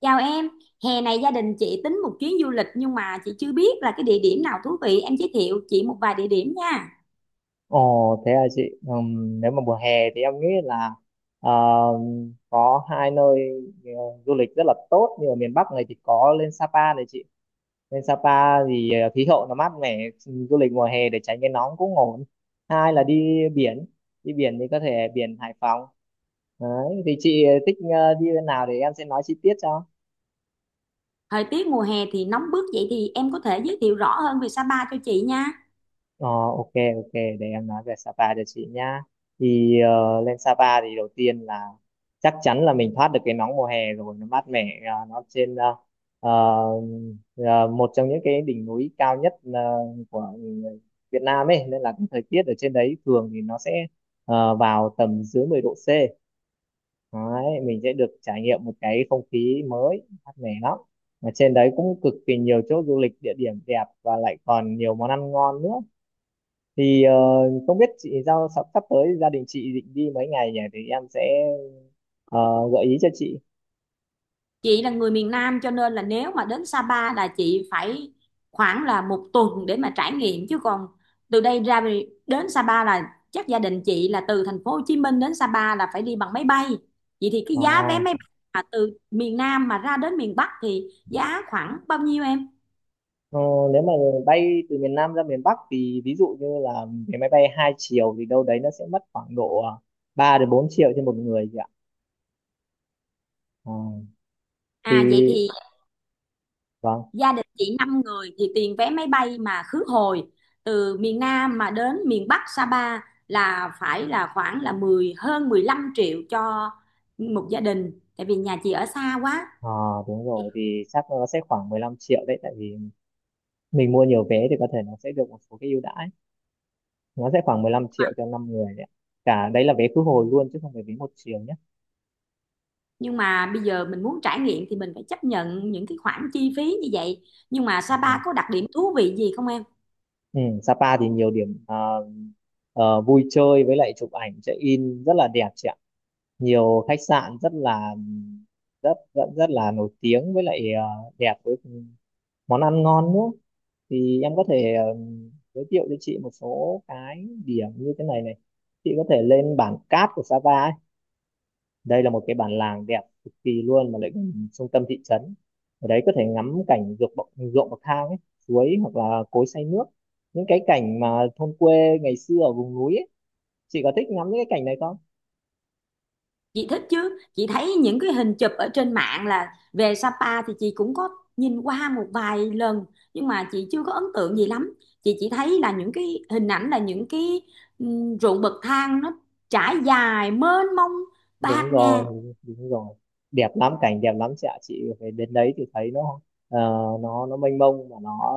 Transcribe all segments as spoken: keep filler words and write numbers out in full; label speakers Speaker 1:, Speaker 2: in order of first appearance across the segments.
Speaker 1: Chào em, hè này gia đình chị tính một chuyến du lịch, nhưng mà chị chưa biết là cái địa điểm nào thú vị, em giới thiệu chị một vài địa điểm nha.
Speaker 2: Ồ, thế à chị. Ừm, nếu mà mùa hè thì em nghĩ là ờ, có hai nơi ờ, du lịch rất là tốt. Như ở miền Bắc này thì có lên Sapa này chị, lên Sapa thì ờ, khí hậu nó mát mẻ, du lịch mùa hè để tránh cái nóng cũng ổn. Hai là đi biển, đi biển thì có thể biển Hải Phòng. Đấy thì chị thích ờ, đi bên nào để em sẽ nói chi tiết cho.
Speaker 1: Thời tiết mùa hè thì nóng bức, vậy thì em có thể giới thiệu rõ hơn về Sapa cho chị nha.
Speaker 2: Ờ, ok, ok, để em nói về Sapa cho chị nhá. Thì ờ, lên Sapa thì đầu tiên là chắc chắn là mình thoát được cái nóng mùa hè rồi, nó mát mẻ. Ờ, nó trên ờ, ờ, ờ, Một trong những cái đỉnh núi cao nhất ờ, của Việt Nam ấy, nên là cái thời tiết ở trên đấy thường thì nó sẽ ờ, vào tầm dưới mười độ C. Đấy, mình sẽ được trải nghiệm một cái không khí mới mát mẻ lắm, mà trên đấy cũng cực kỳ nhiều chỗ du lịch địa điểm đẹp và lại còn nhiều món ăn ngon nữa. Thì ờ, không biết chị giao sắp sắp tới gia đình chị định đi mấy ngày nhỉ, thì em sẽ ờ, gợi ý cho chị.
Speaker 1: Chị là người miền Nam cho nên là nếu mà đến Sapa là chị phải khoảng là một tuần để mà trải nghiệm, chứ còn từ đây ra về- đến Sapa là chắc gia đình chị là từ thành phố Hồ Chí Minh đến Sapa là phải đi bằng máy bay. Vậy thì cái
Speaker 2: Ờ,
Speaker 1: giá vé máy bay mà từ miền Nam mà ra đến miền Bắc thì giá khoảng bao nhiêu em?
Speaker 2: ờ, Nếu mà bay từ miền Nam ra miền Bắc thì ví dụ như là cái máy bay hai chiều, thì đâu đấy nó sẽ mất khoảng độ ờ, ba đến bốn triệu trên một người chị ạ. Ờ, thì
Speaker 1: À, vậy thì
Speaker 2: vâng.
Speaker 1: gia đình chị năm người thì tiền vé máy bay mà khứ hồi từ miền Nam mà đến miền Bắc Sapa là phải là khoảng là mười hơn mười lăm triệu cho một gia đình, tại vì nhà chị ở xa quá,
Speaker 2: Ờ, đúng rồi, thì chắc nó sẽ khoảng mười lăm triệu đấy, tại vì mình mua nhiều vé thì có thể nó sẽ được một số cái ưu đãi, nó sẽ khoảng mười lăm triệu cho năm người đấy ạ. Cả đấy là vé khứ hồi luôn chứ không phải vé một chiều nhé.
Speaker 1: nhưng mà bây giờ mình muốn trải nghiệm thì mình phải chấp nhận những cái khoản chi phí như vậy. Nhưng mà Sapa
Speaker 2: Vâng.
Speaker 1: có đặc điểm thú vị gì không em?
Speaker 2: Ừ, Sapa thì nhiều điểm à, ờ, vui chơi với lại chụp ảnh check in rất là đẹp chị ạ. Nhiều khách sạn rất là rất rất rất là nổi tiếng với lại ờ, đẹp với món ăn ngon nữa. Thì em có thể ờ, giới thiệu cho chị một số cái điểm như thế này này. Chị có thể lên bản Cát của Sapa ấy, đây là một cái bản làng đẹp cực kỳ luôn mà lại gần trung tâm thị trấn. Ở đấy có thể ngắm cảnh ruộng bậc ruộng bậc thang ấy, suối hoặc là cối xay nước, những cái cảnh mà thôn quê ngày xưa ở vùng núi ấy. Chị có thích ngắm những cái cảnh này không?
Speaker 1: Chị thích chứ, chị thấy những cái hình chụp ở trên mạng là về Sapa thì chị cũng có nhìn qua một vài lần, nhưng mà chị chưa có ấn tượng gì lắm. Chị chỉ thấy là những cái hình ảnh là những cái ừm, ruộng bậc thang nó trải dài mênh mông,
Speaker 2: Đúng
Speaker 1: bạt ngàn.
Speaker 2: rồi, đúng rồi, đẹp lắm, cảnh đẹp lắm chị ạ. Chị phải đến đấy thì thấy nó, ờ, nó nó mênh mông, và nó,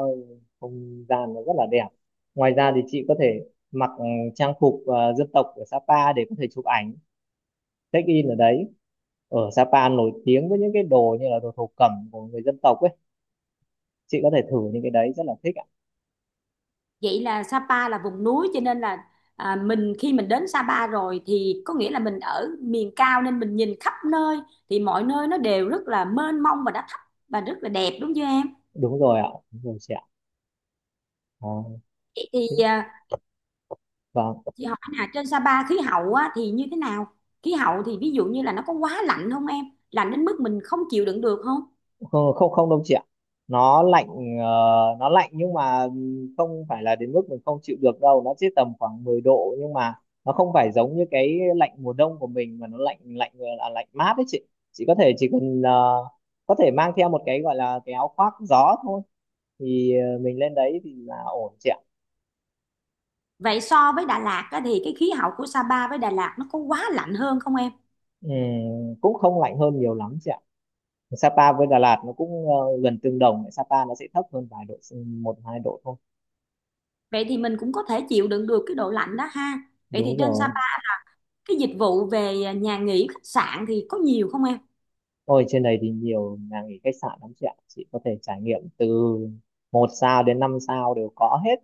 Speaker 2: không gian nó rất là đẹp. Ngoài ra thì chị có thể mặc ừ, trang phục ờ, dân tộc của Sapa để có thể chụp ảnh check in ở đấy. Ở Sapa nổi tiếng với những cái đồ như là đồ thổ cẩm của người dân tộc ấy, chị có thể thử những cái đấy rất là thích ạ.
Speaker 1: Vậy là Sapa là vùng núi, cho nên là à, mình khi mình đến Sapa rồi thì có nghĩa là mình ở miền cao, nên mình nhìn khắp nơi thì mọi nơi nó đều rất là mênh mông và đã thấp và rất là đẹp, đúng chưa em?
Speaker 2: Đúng rồi ạ, đúng rồi chị ạ. à,
Speaker 1: Vậy thì
Speaker 2: Thích.
Speaker 1: à,
Speaker 2: Vâng.
Speaker 1: chị hỏi là trên Sapa khí hậu á, thì như thế nào? Khí hậu thì ví dụ như là nó có quá lạnh không em? Lạnh đến mức mình không chịu đựng được không?
Speaker 2: Không, không, không đâu chị ạ. nó lạnh ờ, nó lạnh nhưng mà không phải là đến mức mình không chịu được đâu, nó chỉ tầm khoảng mười độ, nhưng mà nó không phải giống như cái lạnh mùa đông của mình, mà nó lạnh, lạnh là lạnh mát đấy chị. Chị có thể chỉ cần ờ, có thể mang theo một cái gọi là cái áo khoác gió thôi, thì ờ, mình lên đấy thì là ổn chị ạ.
Speaker 1: Vậy so với Đà Lạt á, thì cái khí hậu của Sapa với Đà Lạt nó có quá lạnh hơn không em?
Speaker 2: Ừ, cũng không lạnh hơn nhiều lắm chị ạ. Sapa với Đà Lạt nó cũng ờ, gần tương đồng, Sapa nó sẽ thấp hơn vài độ, ừ, một hai độ thôi.
Speaker 1: Vậy thì mình cũng có thể chịu đựng được cái độ lạnh đó ha. Vậy thì
Speaker 2: Đúng
Speaker 1: trên
Speaker 2: rồi.
Speaker 1: Sapa cái dịch vụ về nhà nghỉ khách sạn thì có nhiều không em?
Speaker 2: Ôi, trên này thì nhiều nhà nghỉ khách sạn lắm chị ạ, chị có thể trải nghiệm từ một sao đến năm sao đều có hết,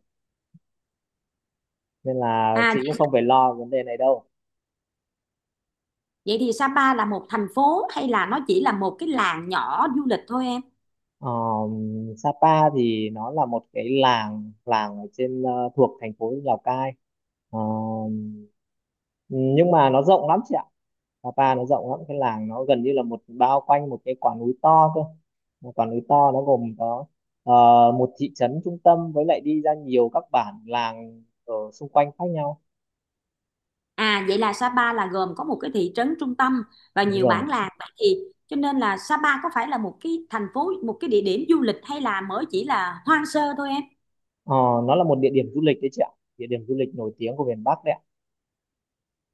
Speaker 2: nên là
Speaker 1: À,
Speaker 2: chị cũng không phải lo vấn đề này đâu.
Speaker 1: vậy thì Sapa là một thành phố hay là nó chỉ là một cái làng nhỏ du lịch thôi em?
Speaker 2: Ờ, Sapa thì nó là một cái làng làng ở trên, ờ, thuộc thành phố Lào Cai. Ờ, nhưng mà nó rộng lắm chị ạ, Sapa nó rộng lắm, cái làng nó gần như là một bao quanh một cái quả núi to cơ. Một quả núi to, nó gồm có ờ, một thị trấn trung tâm với lại đi ra nhiều các bản làng ở xung quanh khác nhau.
Speaker 1: À, vậy là Sapa là gồm có một cái thị trấn trung tâm và
Speaker 2: Đúng
Speaker 1: nhiều
Speaker 2: rồi.
Speaker 1: bản làng, vậy thì cho nên là Sapa có phải là một cái thành phố, một cái địa điểm du lịch, hay là mới chỉ là hoang sơ thôi em?
Speaker 2: Ờ, nó là một địa điểm du lịch đấy chị ạ, địa điểm du lịch nổi tiếng của miền Bắc đấy ạ.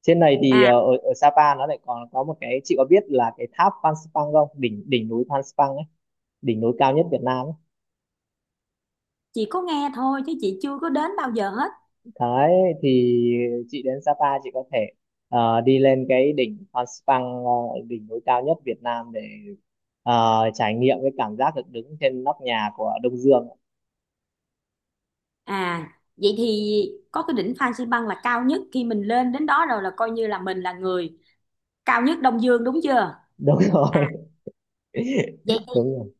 Speaker 2: Trên này thì
Speaker 1: À,
Speaker 2: ờ, ở ở Sapa nó lại còn có một cái, chị có biết là cái tháp Phan Xipang không, đỉnh đỉnh núi Phan Xipang ấy, đỉnh núi cao nhất Việt Nam ấy.
Speaker 1: chị có nghe thôi chứ chị chưa có đến bao giờ hết.
Speaker 2: Đấy, thì chị đến Sapa chị có thể ờ, đi lên cái đỉnh Phan Xipang, ờ, đỉnh núi cao nhất Việt Nam để ờ, trải nghiệm cái cảm giác được đứng trên nóc nhà của Đông Dương.
Speaker 1: À, vậy thì có cái đỉnh Phan Xi Păng là cao nhất, khi mình lên đến đó rồi là coi như là mình là người cao nhất Đông Dương, đúng chưa?
Speaker 2: Đúng rồi.
Speaker 1: À, vậy.
Speaker 2: Đúng rồi.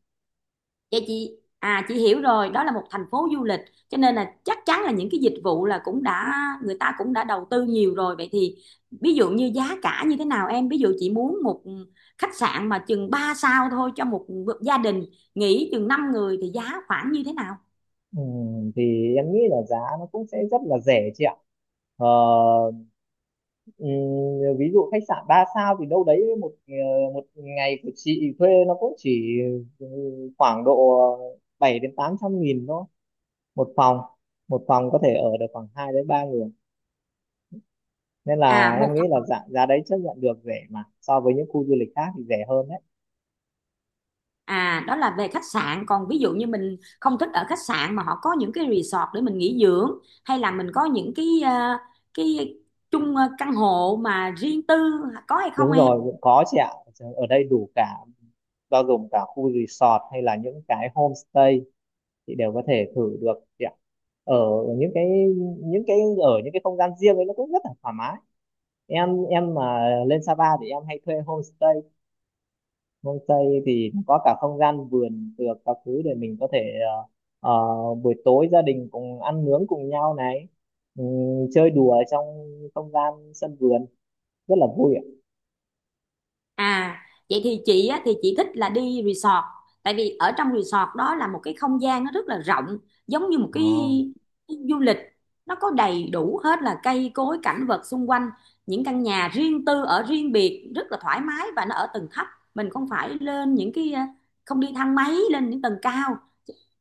Speaker 1: Vậy chị à chị hiểu rồi, đó là một thành phố du lịch, cho nên là chắc chắn là những cái dịch vụ là cũng đã, người ta cũng đã đầu tư nhiều rồi. Vậy thì ví dụ như giá cả như thế nào em? Ví dụ chị muốn một khách sạn mà chừng ba sao thôi cho một gia đình nghỉ chừng năm người thì giá khoảng như thế nào?
Speaker 2: Ừ, thì em nghĩ là giá nó cũng sẽ rất là rẻ chị ạ. Ờ, ừ, Ví dụ khách sạn ba sao thì đâu đấy một ờ, một ngày của chị thuê nó cũng chỉ ừ, khoảng độ bảy đến tám trăm nghìn thôi, một phòng. Một phòng có thể ở được khoảng hai đến ba người, nên
Speaker 1: À
Speaker 2: là
Speaker 1: một
Speaker 2: em nghĩ là
Speaker 1: th-
Speaker 2: giá, giá đấy chấp nhận được rẻ, mà so với những khu du lịch khác thì rẻ hơn đấy.
Speaker 1: à Đó là về khách sạn, còn ví dụ như mình không thích ở khách sạn mà họ có những cái resort để mình nghỉ dưỡng, hay là mình có những cái ờ, cái chung ờ, căn hộ mà riêng tư, có hay không
Speaker 2: Đúng
Speaker 1: em?
Speaker 2: rồi, cũng có chị ạ, ở đây đủ cả, bao gồm cả khu resort hay là những cái homestay, chị đều có thể thử được chị ạ. ở những cái những cái Ở những cái không gian riêng ấy nó cũng rất là thoải mái. Em em mà lên Sapa thì em hay thuê homestay. Homestay thì có cả không gian vườn được các thứ để mình có thể ờ, ờ, buổi tối gia đình cùng ăn nướng cùng nhau này, ừm, chơi đùa trong không gian sân vườn, rất là vui ạ.
Speaker 1: À, vậy thì chị á, thì chị thích là đi resort, tại vì ở trong resort đó là một cái không gian nó rất là rộng, giống như một cái
Speaker 2: à,
Speaker 1: du lịch, nó có đầy đủ hết là cây cối cảnh vật xung quanh, những căn nhà riêng tư ở riêng biệt rất là thoải mái, và nó ở tầng thấp, mình không phải lên những cái à, không đi thang máy lên những tầng cao.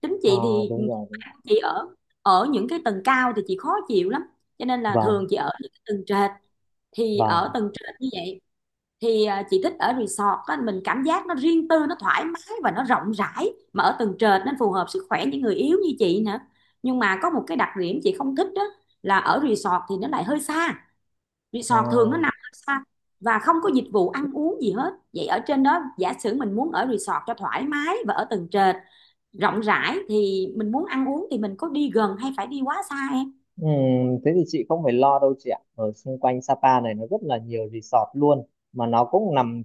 Speaker 1: Tính
Speaker 2: à,
Speaker 1: chị thì
Speaker 2: Đúng rồi.
Speaker 1: chị ở ở những cái tầng cao thì chị khó chịu lắm, cho nên là
Speaker 2: Vâng,
Speaker 1: thường chị ở những cái tầng trệt. Thì ở
Speaker 2: vâng.
Speaker 1: tầng trệt như vậy, thì à, chị thích ở resort á, mình cảm giác nó riêng tư nó thoải mái và nó rộng rãi mà ở tầng trệt, nên phù hợp sức khỏe những người yếu như chị nữa. Nhưng mà có một cái đặc điểm chị không thích, đó là ở resort thì nó lại hơi xa, resort thường nó
Speaker 2: À.
Speaker 1: nằm hơi xa và không có dịch vụ ăn uống gì hết. Vậy ở trên đó, giả sử mình muốn ở resort cho thoải mái và ở tầng trệt rộng rãi, thì mình muốn ăn uống thì mình có đi gần hay phải đi quá xa em?
Speaker 2: Ừ, thế thì chị không phải lo đâu chị ạ. Ở xung quanh Sapa này nó rất là nhiều resort luôn, mà nó cũng nằm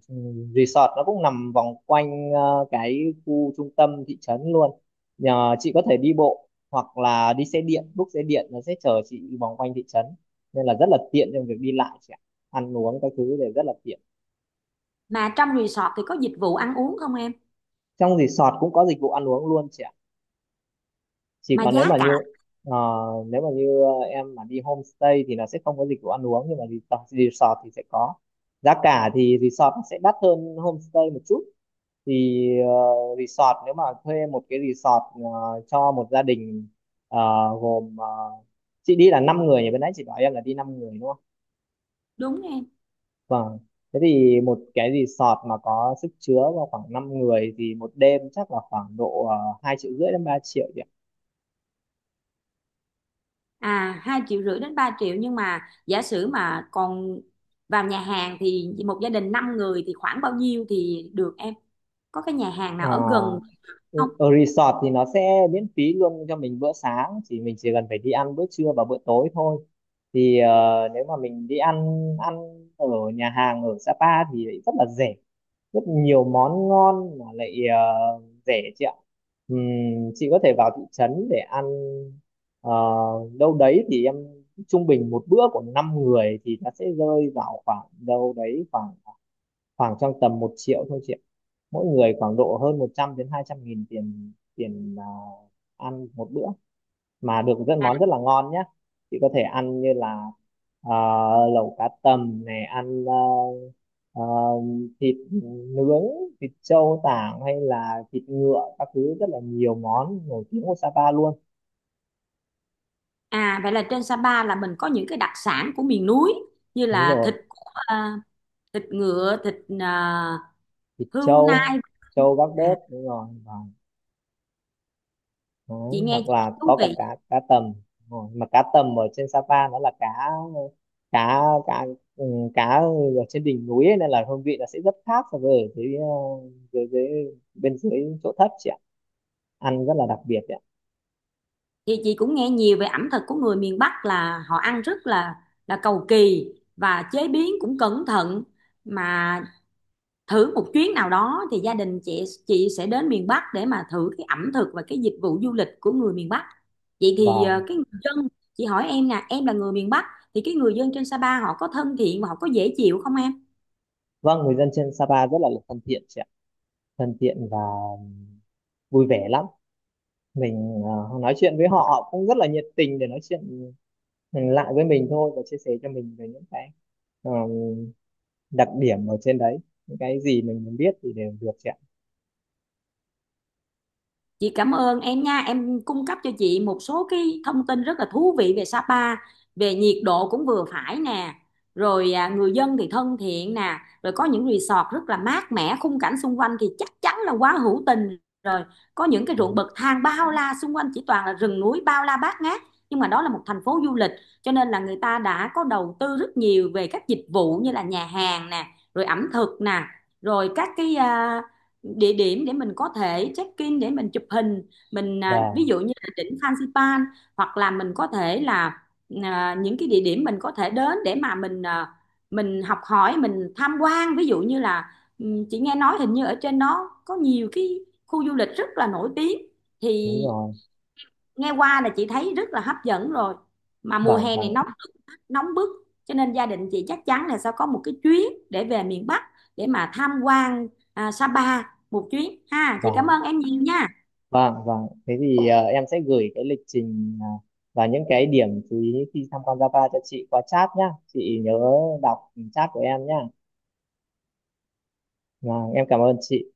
Speaker 2: resort nó cũng nằm vòng quanh ờ, cái khu trung tâm thị trấn luôn. Nhờ chị có thể đi bộ hoặc là đi xe điện, book xe điện nó sẽ chở chị vòng quanh thị trấn, nên là rất là tiện trong việc đi lại chị ạ. Ăn uống các thứ đều rất là tiện.
Speaker 1: Mà trong resort thì có dịch vụ ăn uống không em?
Speaker 2: Trong resort cũng có dịch vụ ăn uống luôn chị ạ. Chỉ
Speaker 1: Mà
Speaker 2: còn nếu
Speaker 1: giá
Speaker 2: mà
Speaker 1: cả
Speaker 2: như ờ, nếu mà như ờ, em mà đi homestay thì nó sẽ không có dịch vụ ăn uống, nhưng mà resort, resort thì sẽ có. Giá cả thì resort nó sẽ đắt hơn homestay một chút. Thì ờ, resort, nếu mà thuê một cái resort ờ, cho một gia đình, ờ, gồm ờ, chị đi là năm người nhỉ, bên nãy chị bảo em là đi năm người đúng không.
Speaker 1: đúng em.
Speaker 2: Vâng. Thế thì một cái resort mà có sức chứa vào khoảng năm người thì một đêm chắc là khoảng độ uh, hai triệu rưỡi đến ba triệu nhỉ.
Speaker 1: À, hai triệu rưỡi đến ba triệu, nhưng mà giả sử mà còn vào nhà hàng thì một gia đình năm người thì khoảng bao nhiêu thì được em? Có cái nhà hàng
Speaker 2: Ờ.
Speaker 1: nào ở gần
Speaker 2: Ừ.
Speaker 1: không?
Speaker 2: Ở resort thì nó sẽ miễn phí luôn cho mình bữa sáng, chỉ mình chỉ cần phải đi ăn bữa trưa và bữa tối thôi. Thì ờ, nếu mà mình đi ăn ăn ở nhà hàng ở Sapa thì lại rất là rẻ, rất nhiều món ngon mà lại ờ, rẻ chị ạ. Ừm, chị có thể vào thị trấn để ăn, ờ, đâu đấy thì em, trung bình một bữa của năm người thì nó sẽ rơi vào khoảng đâu đấy khoảng khoảng trong tầm một triệu thôi chị ạ. Mỗi người khoảng độ hơn một trăm đến hai trăm nghìn tiền, tiền à, ăn một bữa mà được rất món rất là ngon nhé. Chị có thể ăn như là, à, lẩu cá tầm này, ăn à, à, thịt nướng, thịt trâu tảng hay là thịt ngựa các thứ, rất là nhiều món nổi tiếng của Sapa luôn.
Speaker 1: À, vậy là trên Sapa là mình có những cái đặc sản của miền núi, như
Speaker 2: Đúng
Speaker 1: là
Speaker 2: rồi.
Speaker 1: thịt của, à, thịt ngựa, thịt à,
Speaker 2: Thịt
Speaker 1: hươu nai.
Speaker 2: trâu trâu gác bếp
Speaker 1: À,
Speaker 2: đúng rồi.
Speaker 1: chị
Speaker 2: Đấy,
Speaker 1: nghe
Speaker 2: hoặc
Speaker 1: chị
Speaker 2: là
Speaker 1: thấy thú
Speaker 2: có cả
Speaker 1: vị.
Speaker 2: cá cá tầm. Đúng rồi, mà cá tầm ở trên Sapa nó là cá cá cá ừ, cá ở trên đỉnh núi ấy, nên là hương vị nó sẽ rất khác so với ở dưới ờ, dưới dưới bên dưới chỗ thấp chị ạ, ăn rất là đặc biệt chị ạ.
Speaker 1: Thì chị cũng nghe nhiều về ẩm thực của người miền Bắc là họ ăn rất là là cầu kỳ và chế biến cũng cẩn thận, mà thử một chuyến nào đó thì gia đình chị chị sẽ đến miền Bắc để mà thử cái ẩm thực và cái dịch vụ du lịch của người miền Bắc. Vậy thì
Speaker 2: và
Speaker 1: ờ, cái người dân, chị hỏi em nè, em là người miền Bắc thì cái người dân trên Sapa họ có thân thiện và họ có dễ chịu không em?
Speaker 2: vâng, người dân trên Sapa rất là thân thiện chị ạ, thân thiện và vui vẻ lắm. Mình ờ, nói chuyện với họ, họ cũng rất là nhiệt tình để nói chuyện ừ, lại với mình thôi, và chia sẻ cho mình về những cái đặc điểm ở trên đấy, những cái gì mình muốn biết thì đều được chị ạ.
Speaker 1: Chị cảm ơn em nha, em cung cấp cho chị một số cái thông tin rất là thú vị về Sapa, về nhiệt độ cũng vừa phải nè, rồi à, người dân thì thân thiện nè, rồi có những resort rất là mát mẻ, khung cảnh xung quanh thì chắc chắn là quá hữu tình rồi. Có những cái ruộng
Speaker 2: Vâng,
Speaker 1: bậc thang bao la xung quanh, chỉ toàn là rừng núi bao la bát ngát, nhưng mà đó là một thành phố du lịch, cho nên là người ta đã có đầu tư rất nhiều về các dịch vụ như là nhà hàng nè, rồi ẩm thực nè, rồi các cái à, địa điểm để mình có thể check in để mình chụp hình, mình à, ví
Speaker 2: vâng,
Speaker 1: dụ như là đỉnh Phan Xipang, hoặc là mình có thể là à, những cái địa điểm mình có thể đến để mà mình à, mình học hỏi, mình tham quan, ví dụ như là ừm, chị nghe nói hình như ở trên đó có nhiều cái khu du lịch rất là nổi tiếng, thì
Speaker 2: đúng rồi,
Speaker 1: nghe qua là chị thấy rất là hấp dẫn rồi. Mà mùa
Speaker 2: vâng,
Speaker 1: hè này
Speaker 2: vâng,
Speaker 1: nóng nóng bức, cho nên gia đình chị chắc chắn là sẽ có một cái chuyến để về miền Bắc để mà tham quan à, Sapa một chuyến ha. Chị cảm
Speaker 2: vâng,
Speaker 1: ơn em nhiều nha.
Speaker 2: vâng, vâng. Thế thì ờ, em sẽ gửi cái lịch trình, à, và những cái điểm chú ý khi tham quan Java cho chị qua chat nhá, chị nhớ đọc chat của em nhá. Vâng, em cảm ơn chị.